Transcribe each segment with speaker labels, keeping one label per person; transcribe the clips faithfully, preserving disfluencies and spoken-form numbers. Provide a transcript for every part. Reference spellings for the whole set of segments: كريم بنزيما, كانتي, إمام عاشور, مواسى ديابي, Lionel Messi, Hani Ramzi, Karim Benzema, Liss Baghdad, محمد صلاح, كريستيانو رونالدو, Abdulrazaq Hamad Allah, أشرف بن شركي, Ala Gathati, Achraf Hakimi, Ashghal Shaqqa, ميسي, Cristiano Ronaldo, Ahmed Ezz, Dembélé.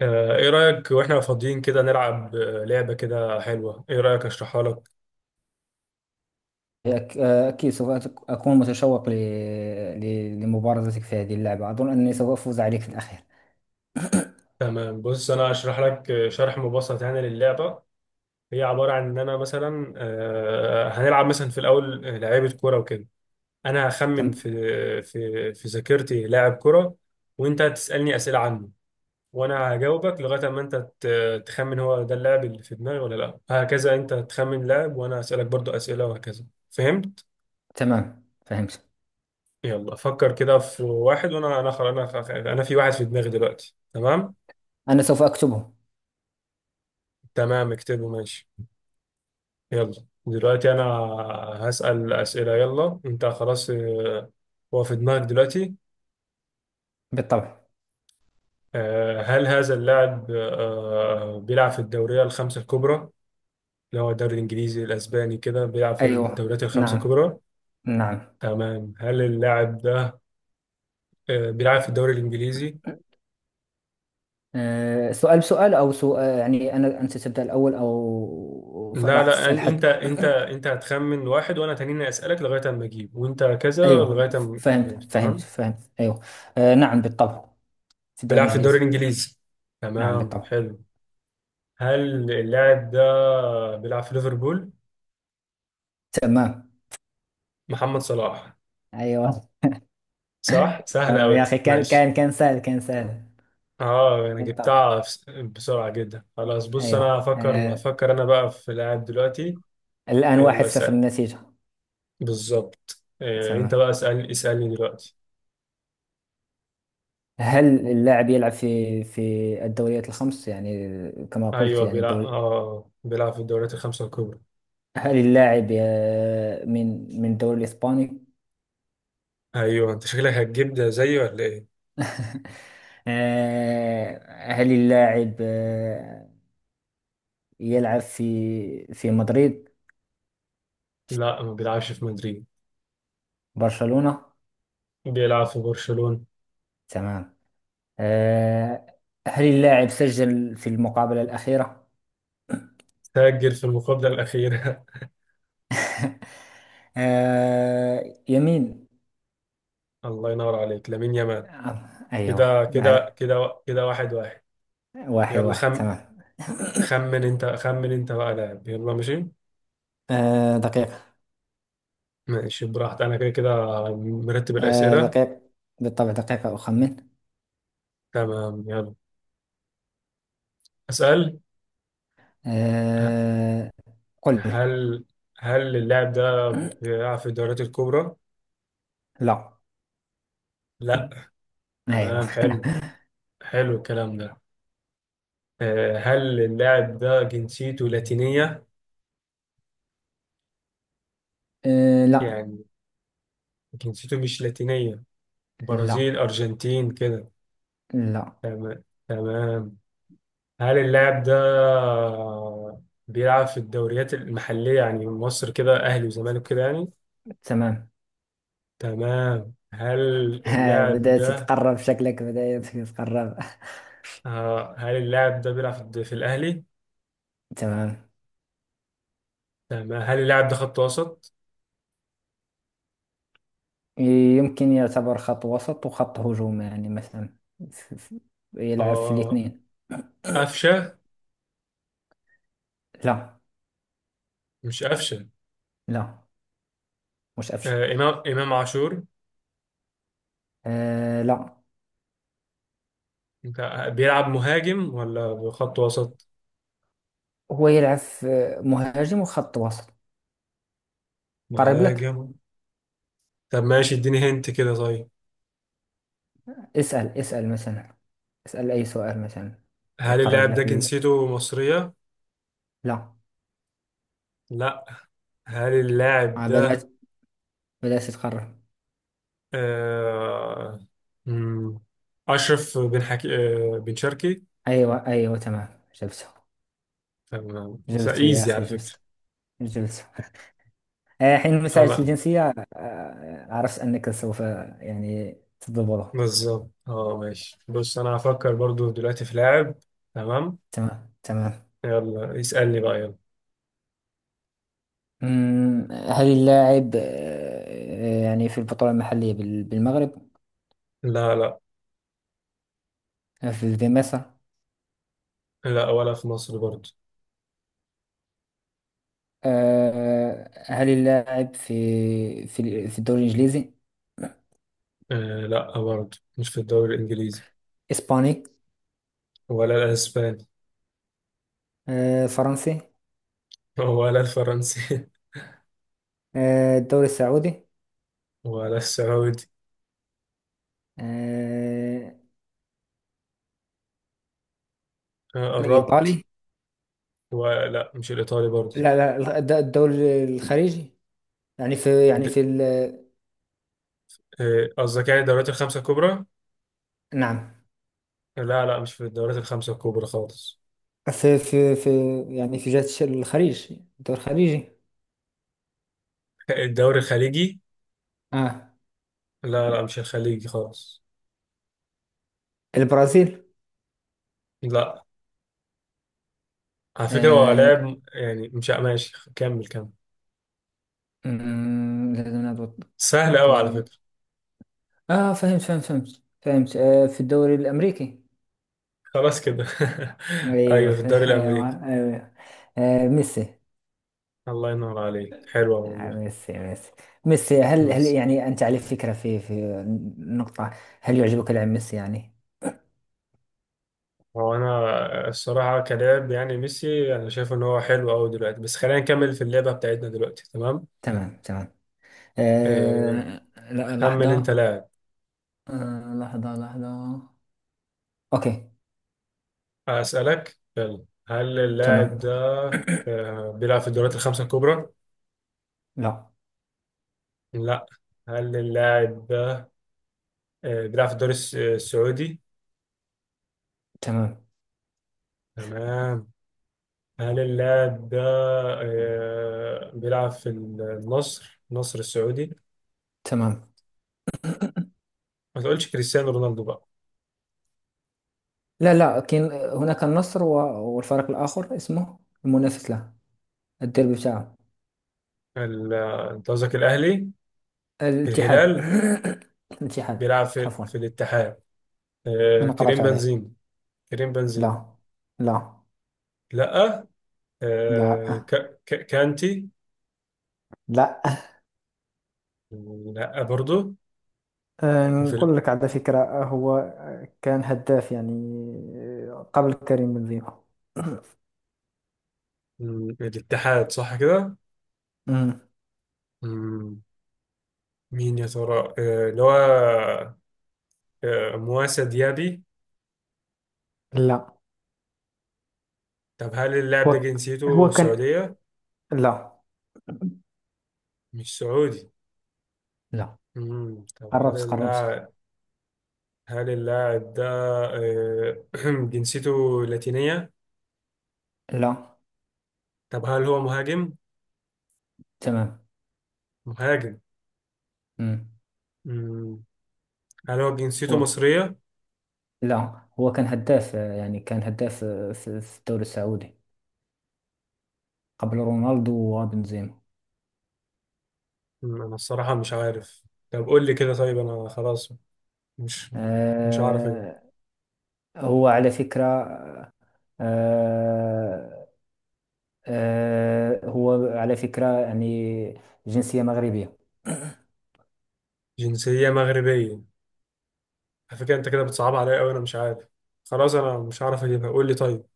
Speaker 1: آه، ايه رأيك واحنا فاضيين كده نلعب آه، لعبة كده حلوة؟ ايه رأيك اشرحها لك.
Speaker 2: هي أك- أكيد سوف أت- أكون متشوق ل- ل- لمبارزتك في هذه اللعبة. أظن أني سوف أفوز عليك في الأخير.
Speaker 1: تمام، بص انا هشرح لك آه، شرح مبسط يعني للعبة. هي عبارة عن ان انا مثلا آه، هنلعب مثلا في الاول آه، لعيبة كورة وكده. انا هخمن
Speaker 2: تم
Speaker 1: في في في ذاكرتي لاعب كورة، وانت هتسألني أسئلة عنه، وانا هجاوبك لغاية ما انت ت- تخمن هو ده اللاعب اللي في دماغي ولا لا. هكذا انت تخمن لاعب وانا هسألك برضو أسئلة وهكذا. فهمت؟
Speaker 2: تمام، فهمت.
Speaker 1: يلا فكر كده في واحد، وانا انا خلاص انا خ- انا في واحد في دماغي دلوقتي تمام.
Speaker 2: أنا سوف أكتبه.
Speaker 1: تمام، اكتبه ماشي. يلا دلوقتي انا هسأل أسئلة، يلا انت خلاص آه، هو في دماغك دلوقتي.
Speaker 2: بالطبع.
Speaker 1: آه، هل هذا اللاعب آه، بيلعب في الدورية الخمسة الكبرى، اللي هو الدوري الانجليزي الاسباني كده، بيلعب في
Speaker 2: أيوه.
Speaker 1: الدوريات الخمسة
Speaker 2: نعم.
Speaker 1: الكبرى؟
Speaker 2: نعم.
Speaker 1: تمام، هل اللاعب ده آه، بيلعب في الدوري الانجليزي؟
Speaker 2: أه، سؤال بسؤال أو سؤال، يعني أنا أنت تبدأ الأول أو ف-
Speaker 1: لا
Speaker 2: راح
Speaker 1: لا،
Speaker 2: تسأل
Speaker 1: أن-
Speaker 2: حد؟
Speaker 1: انت انت انت هتخمن واحد وانا تانيين اسالك لغايه اما اجيب، وانت كذا
Speaker 2: أيوه،
Speaker 1: لغايه
Speaker 2: ف-
Speaker 1: اما.
Speaker 2: فهمت فهمت
Speaker 1: تمام،
Speaker 2: فهمت، أيوه. أه، نعم، بالطبع. في الدوري
Speaker 1: بيلعب في الدوري
Speaker 2: الإنجليزي.
Speaker 1: الانجليزي.
Speaker 2: نعم،
Speaker 1: تمام
Speaker 2: بالطبع.
Speaker 1: حلو. هل اللاعب ده بيلعب في ليفربول؟
Speaker 2: تمام.
Speaker 1: محمد صلاح.
Speaker 2: أيوه.
Speaker 1: صح، سهل
Speaker 2: تمام يا
Speaker 1: قوي،
Speaker 2: أخي، كان
Speaker 1: ماشي.
Speaker 2: كان كان سهل، كان سهل.
Speaker 1: اه انا
Speaker 2: بالطبع.
Speaker 1: جبتها بس- بسرعه جدا خلاص. بص انا
Speaker 2: ايوه.
Speaker 1: هفكر
Speaker 2: أه
Speaker 1: هفكر انا بقى في لاعب دلوقتي.
Speaker 2: الآن واحد
Speaker 1: يلا
Speaker 2: صفر
Speaker 1: اسال.
Speaker 2: النتيجة.
Speaker 1: بالظبط، آه، انت
Speaker 2: تمام،
Speaker 1: بقى اسال اسالني دلوقتي.
Speaker 2: هل اللاعب يلعب في في الدوريات الخمس، يعني كما قلت،
Speaker 1: ايوه
Speaker 2: يعني
Speaker 1: بيلعب
Speaker 2: الدوري؟
Speaker 1: اه بيلعب في الدوريات الخمسه الكبرى.
Speaker 2: هل اللاعب آه، من من الدوري الإسباني؟
Speaker 1: ايوه انت شكلك هتجيب ده زيي ولا ايه.
Speaker 2: آه، هل اللاعب آه، يلعب في في مدريد؟
Speaker 1: لا ما بيلعبش في مدريد.
Speaker 2: برشلونة؟
Speaker 1: بيلعب في برشلونة.
Speaker 2: تمام. آه، هل اللاعب سجل في المقابلة الأخيرة؟
Speaker 1: سجل في المقابلة الأخيرة.
Speaker 2: آه، يمين.
Speaker 1: الله ينور عليك، لامين يامال.
Speaker 2: آه، أيوه،
Speaker 1: كده
Speaker 2: مع-
Speaker 1: كده كده كده، واحد واحد.
Speaker 2: واحد
Speaker 1: يلا
Speaker 2: واحد.
Speaker 1: خم
Speaker 2: تمام.
Speaker 1: خمن انت، خمن انت بقى لاعب يلا ماشي.
Speaker 2: آه دقيقة.
Speaker 1: ماشي براحتك، انا كده كده مرتب
Speaker 2: آه
Speaker 1: الأسئلة.
Speaker 2: دقيقة، بالطبع دقيقة أخمن.
Speaker 1: تمام يلا أسأل. ه-
Speaker 2: آه قل لي.
Speaker 1: هل هل اللاعب ده بيلعب في الدوريات الكبرى؟
Speaker 2: لا.
Speaker 1: لا.
Speaker 2: أيوة.
Speaker 1: تمام حلو. حلو الكلام ده. آه، هل اللاعب ده جنسيته لاتينية؟
Speaker 2: آه لا.
Speaker 1: يعني جنسيته مش لاتينية،
Speaker 2: لا،
Speaker 1: برازيل أرجنتين كده.
Speaker 2: لا.
Speaker 1: تمام تمام. هل اللاعب ده بيلعب في الدوريات المحلية، يعني مصر كده، أهلي وزمالك كده يعني.
Speaker 2: تمام.
Speaker 1: تمام، هل
Speaker 2: آه
Speaker 1: اللاعب
Speaker 2: بدأت
Speaker 1: ده
Speaker 2: تتقرب، شكلك بدأت تتقرب.
Speaker 1: آه، هل اللاعب ده بيلعب في الد- في الأهلي؟
Speaker 2: تمام.
Speaker 1: تمام، هل اللاعب ده خط وسط؟
Speaker 2: يمكن يعتبر خط وسط وخط هجوم، يعني مثلا، ف- ف- يلعب في
Speaker 1: اه،
Speaker 2: الاثنين.
Speaker 1: قفشة.
Speaker 2: لا.
Speaker 1: مش قفشة.
Speaker 2: لا، مش أفشخ.
Speaker 1: آه، إمام إمام عاشور.
Speaker 2: آه لا.
Speaker 1: أنت، بيلعب مهاجم ولا خط وسط؟
Speaker 2: هو يلعب في مهاجم وخط وسط. قريب لك.
Speaker 1: مهاجم. طب ماشي اديني هنت كده طيب.
Speaker 2: اسأل اسأل مثلا، اسأل أي سؤال مثلا.
Speaker 1: هل
Speaker 2: يقرب
Speaker 1: اللاعب ده
Speaker 2: لك ال...
Speaker 1: جنسيته مصرية؟
Speaker 2: لا.
Speaker 1: لا. هل اللاعب
Speaker 2: آه
Speaker 1: ده
Speaker 2: بدأت بدأت تقرب.
Speaker 1: آه... مم، أشرف بن حكي آه... بن شركي؟
Speaker 2: أيوة، أيوة، تمام، جبته.
Speaker 1: تمام بس
Speaker 2: جبته يا
Speaker 1: ايزي
Speaker 2: أخي،
Speaker 1: على فكرة.
Speaker 2: جبته، جبته. آه، حين مسألة
Speaker 1: خلاص.
Speaker 2: الجنسية، آه، عرفت أنك سوف، يعني، تضبطه.
Speaker 1: بالظبط اه ماشي. بص أنا هفكر برضو دلوقتي في لاعب. تمام
Speaker 2: تمام، تمام.
Speaker 1: يلا اسألني بقى يلا.
Speaker 2: أمم، هل اللاعب آه، يعني في البطولة المحلية بال- بالمغرب؟
Speaker 1: لا لا
Speaker 2: آه، في في مصر؟
Speaker 1: لا. ولا في مصر برضو.
Speaker 2: آه، هل اللاعب في في في الدوري الإنجليزي؟
Speaker 1: آه لا برضو، مش في الدوري الإنجليزي.
Speaker 2: إسباني؟
Speaker 1: ولا الأسباني.
Speaker 2: آه، فرنسي؟
Speaker 1: ولا الفرنسي.
Speaker 2: آه، الدوري السعودي؟
Speaker 1: ولا السعودي.
Speaker 2: آه،
Speaker 1: آه، قربت.
Speaker 2: الإيطالي؟
Speaker 1: ولا مش الإيطالي برضه.
Speaker 2: لا، لا، الد- الدوري الخليجي، يعني في،
Speaker 1: د-
Speaker 2: يعني في ال-
Speaker 1: آه، قصدك يعني الدوريات الخمسة الكبرى؟
Speaker 2: نعم
Speaker 1: لا لا، مش في الدوريات الخمسة الكبرى خالص.
Speaker 2: في في في يعني في جهة الش- الخليج، الدوري الخليجي.
Speaker 1: الدوري الخليجي؟
Speaker 2: اه.
Speaker 1: لا لا، مش الخليجي خالص.
Speaker 2: البرازيل.
Speaker 1: لا، على فكرة هو
Speaker 2: آه
Speaker 1: لاعب يعني مش ماشي. كمل كمل.
Speaker 2: أمم، لازم نضبط
Speaker 1: سهل أوي على
Speaker 2: الدوري.
Speaker 1: فكرة.
Speaker 2: اه، فهمت فهمت فهمت فهمت، آه في الدوري الأمريكي.
Speaker 1: خلاص كده. أيوه
Speaker 2: ايوه.
Speaker 1: في الدوري الأمريكي.
Speaker 2: ايوه، ايوه. آه ميسي.
Speaker 1: الله ينور عليك، حلوة والله.
Speaker 2: ميسي، ميسي، ميسي. هل هل
Speaker 1: بس،
Speaker 2: يعني أنت على فكرة في في نقطة. هل يعجبك لاعب ميسي يعني؟
Speaker 1: هو أنا الصراحة كلاعب يعني ميسي أنا شايف إن هو حلو أوي دلوقتي، بس خلينا نكمل في اللعبة بتاعتنا دلوقتي تمام؟
Speaker 2: تمام، تمام.
Speaker 1: آه،
Speaker 2: أه لا،
Speaker 1: خمن انت
Speaker 2: لحظة.
Speaker 1: لاعب.
Speaker 2: أه لحظة، لحظة. أوكي.
Speaker 1: اسالك يلا، هل اللاعب ده
Speaker 2: تمام.
Speaker 1: آه، بيلعب في الدوريات الخمسه الكبرى؟
Speaker 2: لا.
Speaker 1: لا. هل اللاعب ده آه، بيلعب في الدوري الس- السعودي؟
Speaker 2: تمام،
Speaker 1: تمام. هل اللاعب ده آه، بيلعب في النصر النصر السعودي؟
Speaker 2: تمام.
Speaker 1: ما تقولش كريستيانو رونالدو بقى.
Speaker 2: لا، لا، كاين هناك النصر و- والفريق الآخر اسمه، المنافس له، الديربي بتاعه
Speaker 1: ال- آه، انت قصدك الاهلي،
Speaker 2: الاتحاد.
Speaker 1: الهلال،
Speaker 2: الاتحاد
Speaker 1: بيلعب في
Speaker 2: عفوا.
Speaker 1: في الاتحاد. آه،
Speaker 2: أنا قربت
Speaker 1: كريم
Speaker 2: عليه.
Speaker 1: بنزيما. كريم بنزيما.
Speaker 2: لا. لا،
Speaker 1: لا. آه،
Speaker 2: لا،
Speaker 1: ك- ك- كانتي.
Speaker 2: لا.
Speaker 1: لا برضو.
Speaker 2: آه،
Speaker 1: وفي ال...
Speaker 2: نقول لك على فكرة، آه، هو، آه، كان هداف يعني، آه، قبل كريم بنزيما.
Speaker 1: مم، الاتحاد صح كده؟
Speaker 2: أمم،
Speaker 1: مم، مين يا ترى؟ آه، اللي هو آه، مواسى ديابي.
Speaker 2: لا.
Speaker 1: طب هل اللاعب ده
Speaker 2: هو هو
Speaker 1: جنسيته
Speaker 2: كان.
Speaker 1: سعودية؟
Speaker 2: لا،
Speaker 1: مش سعودي.
Speaker 2: لا.
Speaker 1: مم، طب هل
Speaker 2: قربت، قربت.
Speaker 1: اللاعب هل اللاعب ده آه، جنسيته لاتينية؟
Speaker 2: لا.
Speaker 1: طب هل هو مهاجم؟
Speaker 2: تمام.
Speaker 1: مهاجم.
Speaker 2: أمم،
Speaker 1: مم، هل هو جنسيته
Speaker 2: هو.
Speaker 1: مصرية؟
Speaker 2: لا، هو كان هداف، آه، يعني كان هداف، آه، في في الدوري السعودي، قبل رونالدو وبنزيما.
Speaker 1: مم، أنا الصراحة مش عارف. طب قول لي كده طيب، أنا خلاص مش مش عارف إيه.
Speaker 2: آه، هو على فكرة آه، آه، آه، هو على فكرة، يعني، جنسية مغربية.
Speaker 1: جنسية مغربية؟ على فكرة انت كده بتصعب عليا قوي، انا مش عارف. خلاص انا مش عارف اجيبها، قول لي طيب.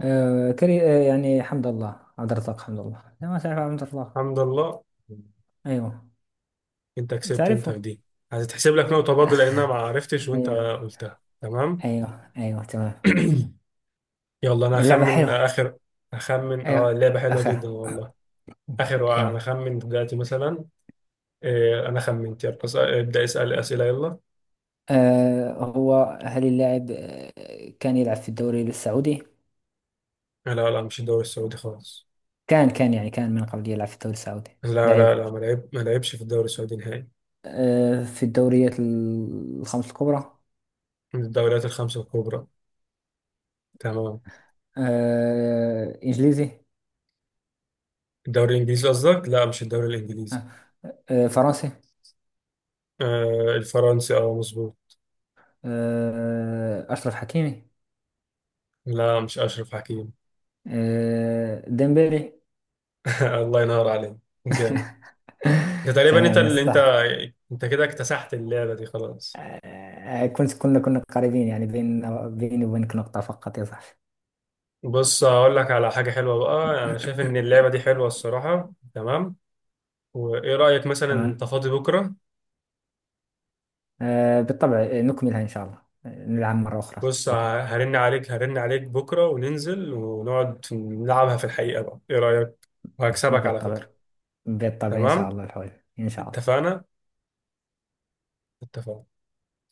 Speaker 2: آه كري آه يعني، حمد الله. عبد الرزاق، حمد الله. لا، ما تعرف عبد الرزاق؟
Speaker 1: الحمد لله.
Speaker 2: ايوه.
Speaker 1: انت كسبت انت في
Speaker 2: تعرفه.
Speaker 1: دي، هتتحسب لك نقطة برضه لان انا ما عرفتش وانت
Speaker 2: ايوه،
Speaker 1: قلتها تمام.
Speaker 2: ايوه، ايوه، تمام.
Speaker 1: يلا انا
Speaker 2: اللعبة
Speaker 1: هخمن
Speaker 2: حلوة.
Speaker 1: اخر. هخمن اه،
Speaker 2: ايوه.
Speaker 1: اللعبة حلوة جدا
Speaker 2: اخر.
Speaker 1: والله. اخر واحد انا
Speaker 2: ايوه.
Speaker 1: هخمن دلوقتي مثلا. إيه انا خمنت يلا، اسأل- ابدا اسال اسئلة يلا.
Speaker 2: آه هو هل اللاعب آه كان يلعب في الدوري السعودي؟
Speaker 1: لا لا، مش الدوري السعودي خالص.
Speaker 2: كان كان يعني كان من قبل يلعب في الدوري السعودي.
Speaker 1: لا
Speaker 2: لعب
Speaker 1: لا لا، ما لعب ما لعبش في الدوري السعودي نهائي.
Speaker 2: آه في الدوريات ال- الخمس الكبرى.
Speaker 1: من الدوريات الخمسة الكبرى. تمام.
Speaker 2: آه انجليزي.
Speaker 1: الدوري الانجليزي قصدك؟ لا مش الدوري الانجليزي.
Speaker 2: آه آه، فرنسي.
Speaker 1: آه الفرنسي، اه مظبوط.
Speaker 2: آه اشرف حكيمي.
Speaker 1: لا مش اشرف حكيم.
Speaker 2: آه، ديمبلي.
Speaker 1: الله ينور عليك، جامد. ده تقريبا انت
Speaker 2: تمام، يا
Speaker 1: اللي انت
Speaker 2: صح.
Speaker 1: انت كده اكتسحت اللعبه دي خلاص.
Speaker 2: آه، آه، كنت كنا كنا قريبين، يعني بين بيني وبينك نقطة فقط، يا صح.
Speaker 1: بص هقول لك على حاجه حلوه بقى، انا شايف ان اللعبه دي حلوه الصراحه تمام. وايه رايك مثلا انت
Speaker 2: تمام.
Speaker 1: فاضي بكره؟
Speaker 2: آه، بالطبع، آه، نكملها إن شاء الله. آه، نلعب مرة أخرى
Speaker 1: بص
Speaker 2: بكرة.
Speaker 1: ه- هرن عليك، هرن عليك بكره وننزل ونقعد نلعبها في الحقيقه بقى، ايه رايك؟ وهكسبك على
Speaker 2: بالطبع.
Speaker 1: فكره.
Speaker 2: بالطبع إن شاء
Speaker 1: تمام.
Speaker 2: الله الحول. إن شاء الله.
Speaker 1: اتفقنا اتفقنا.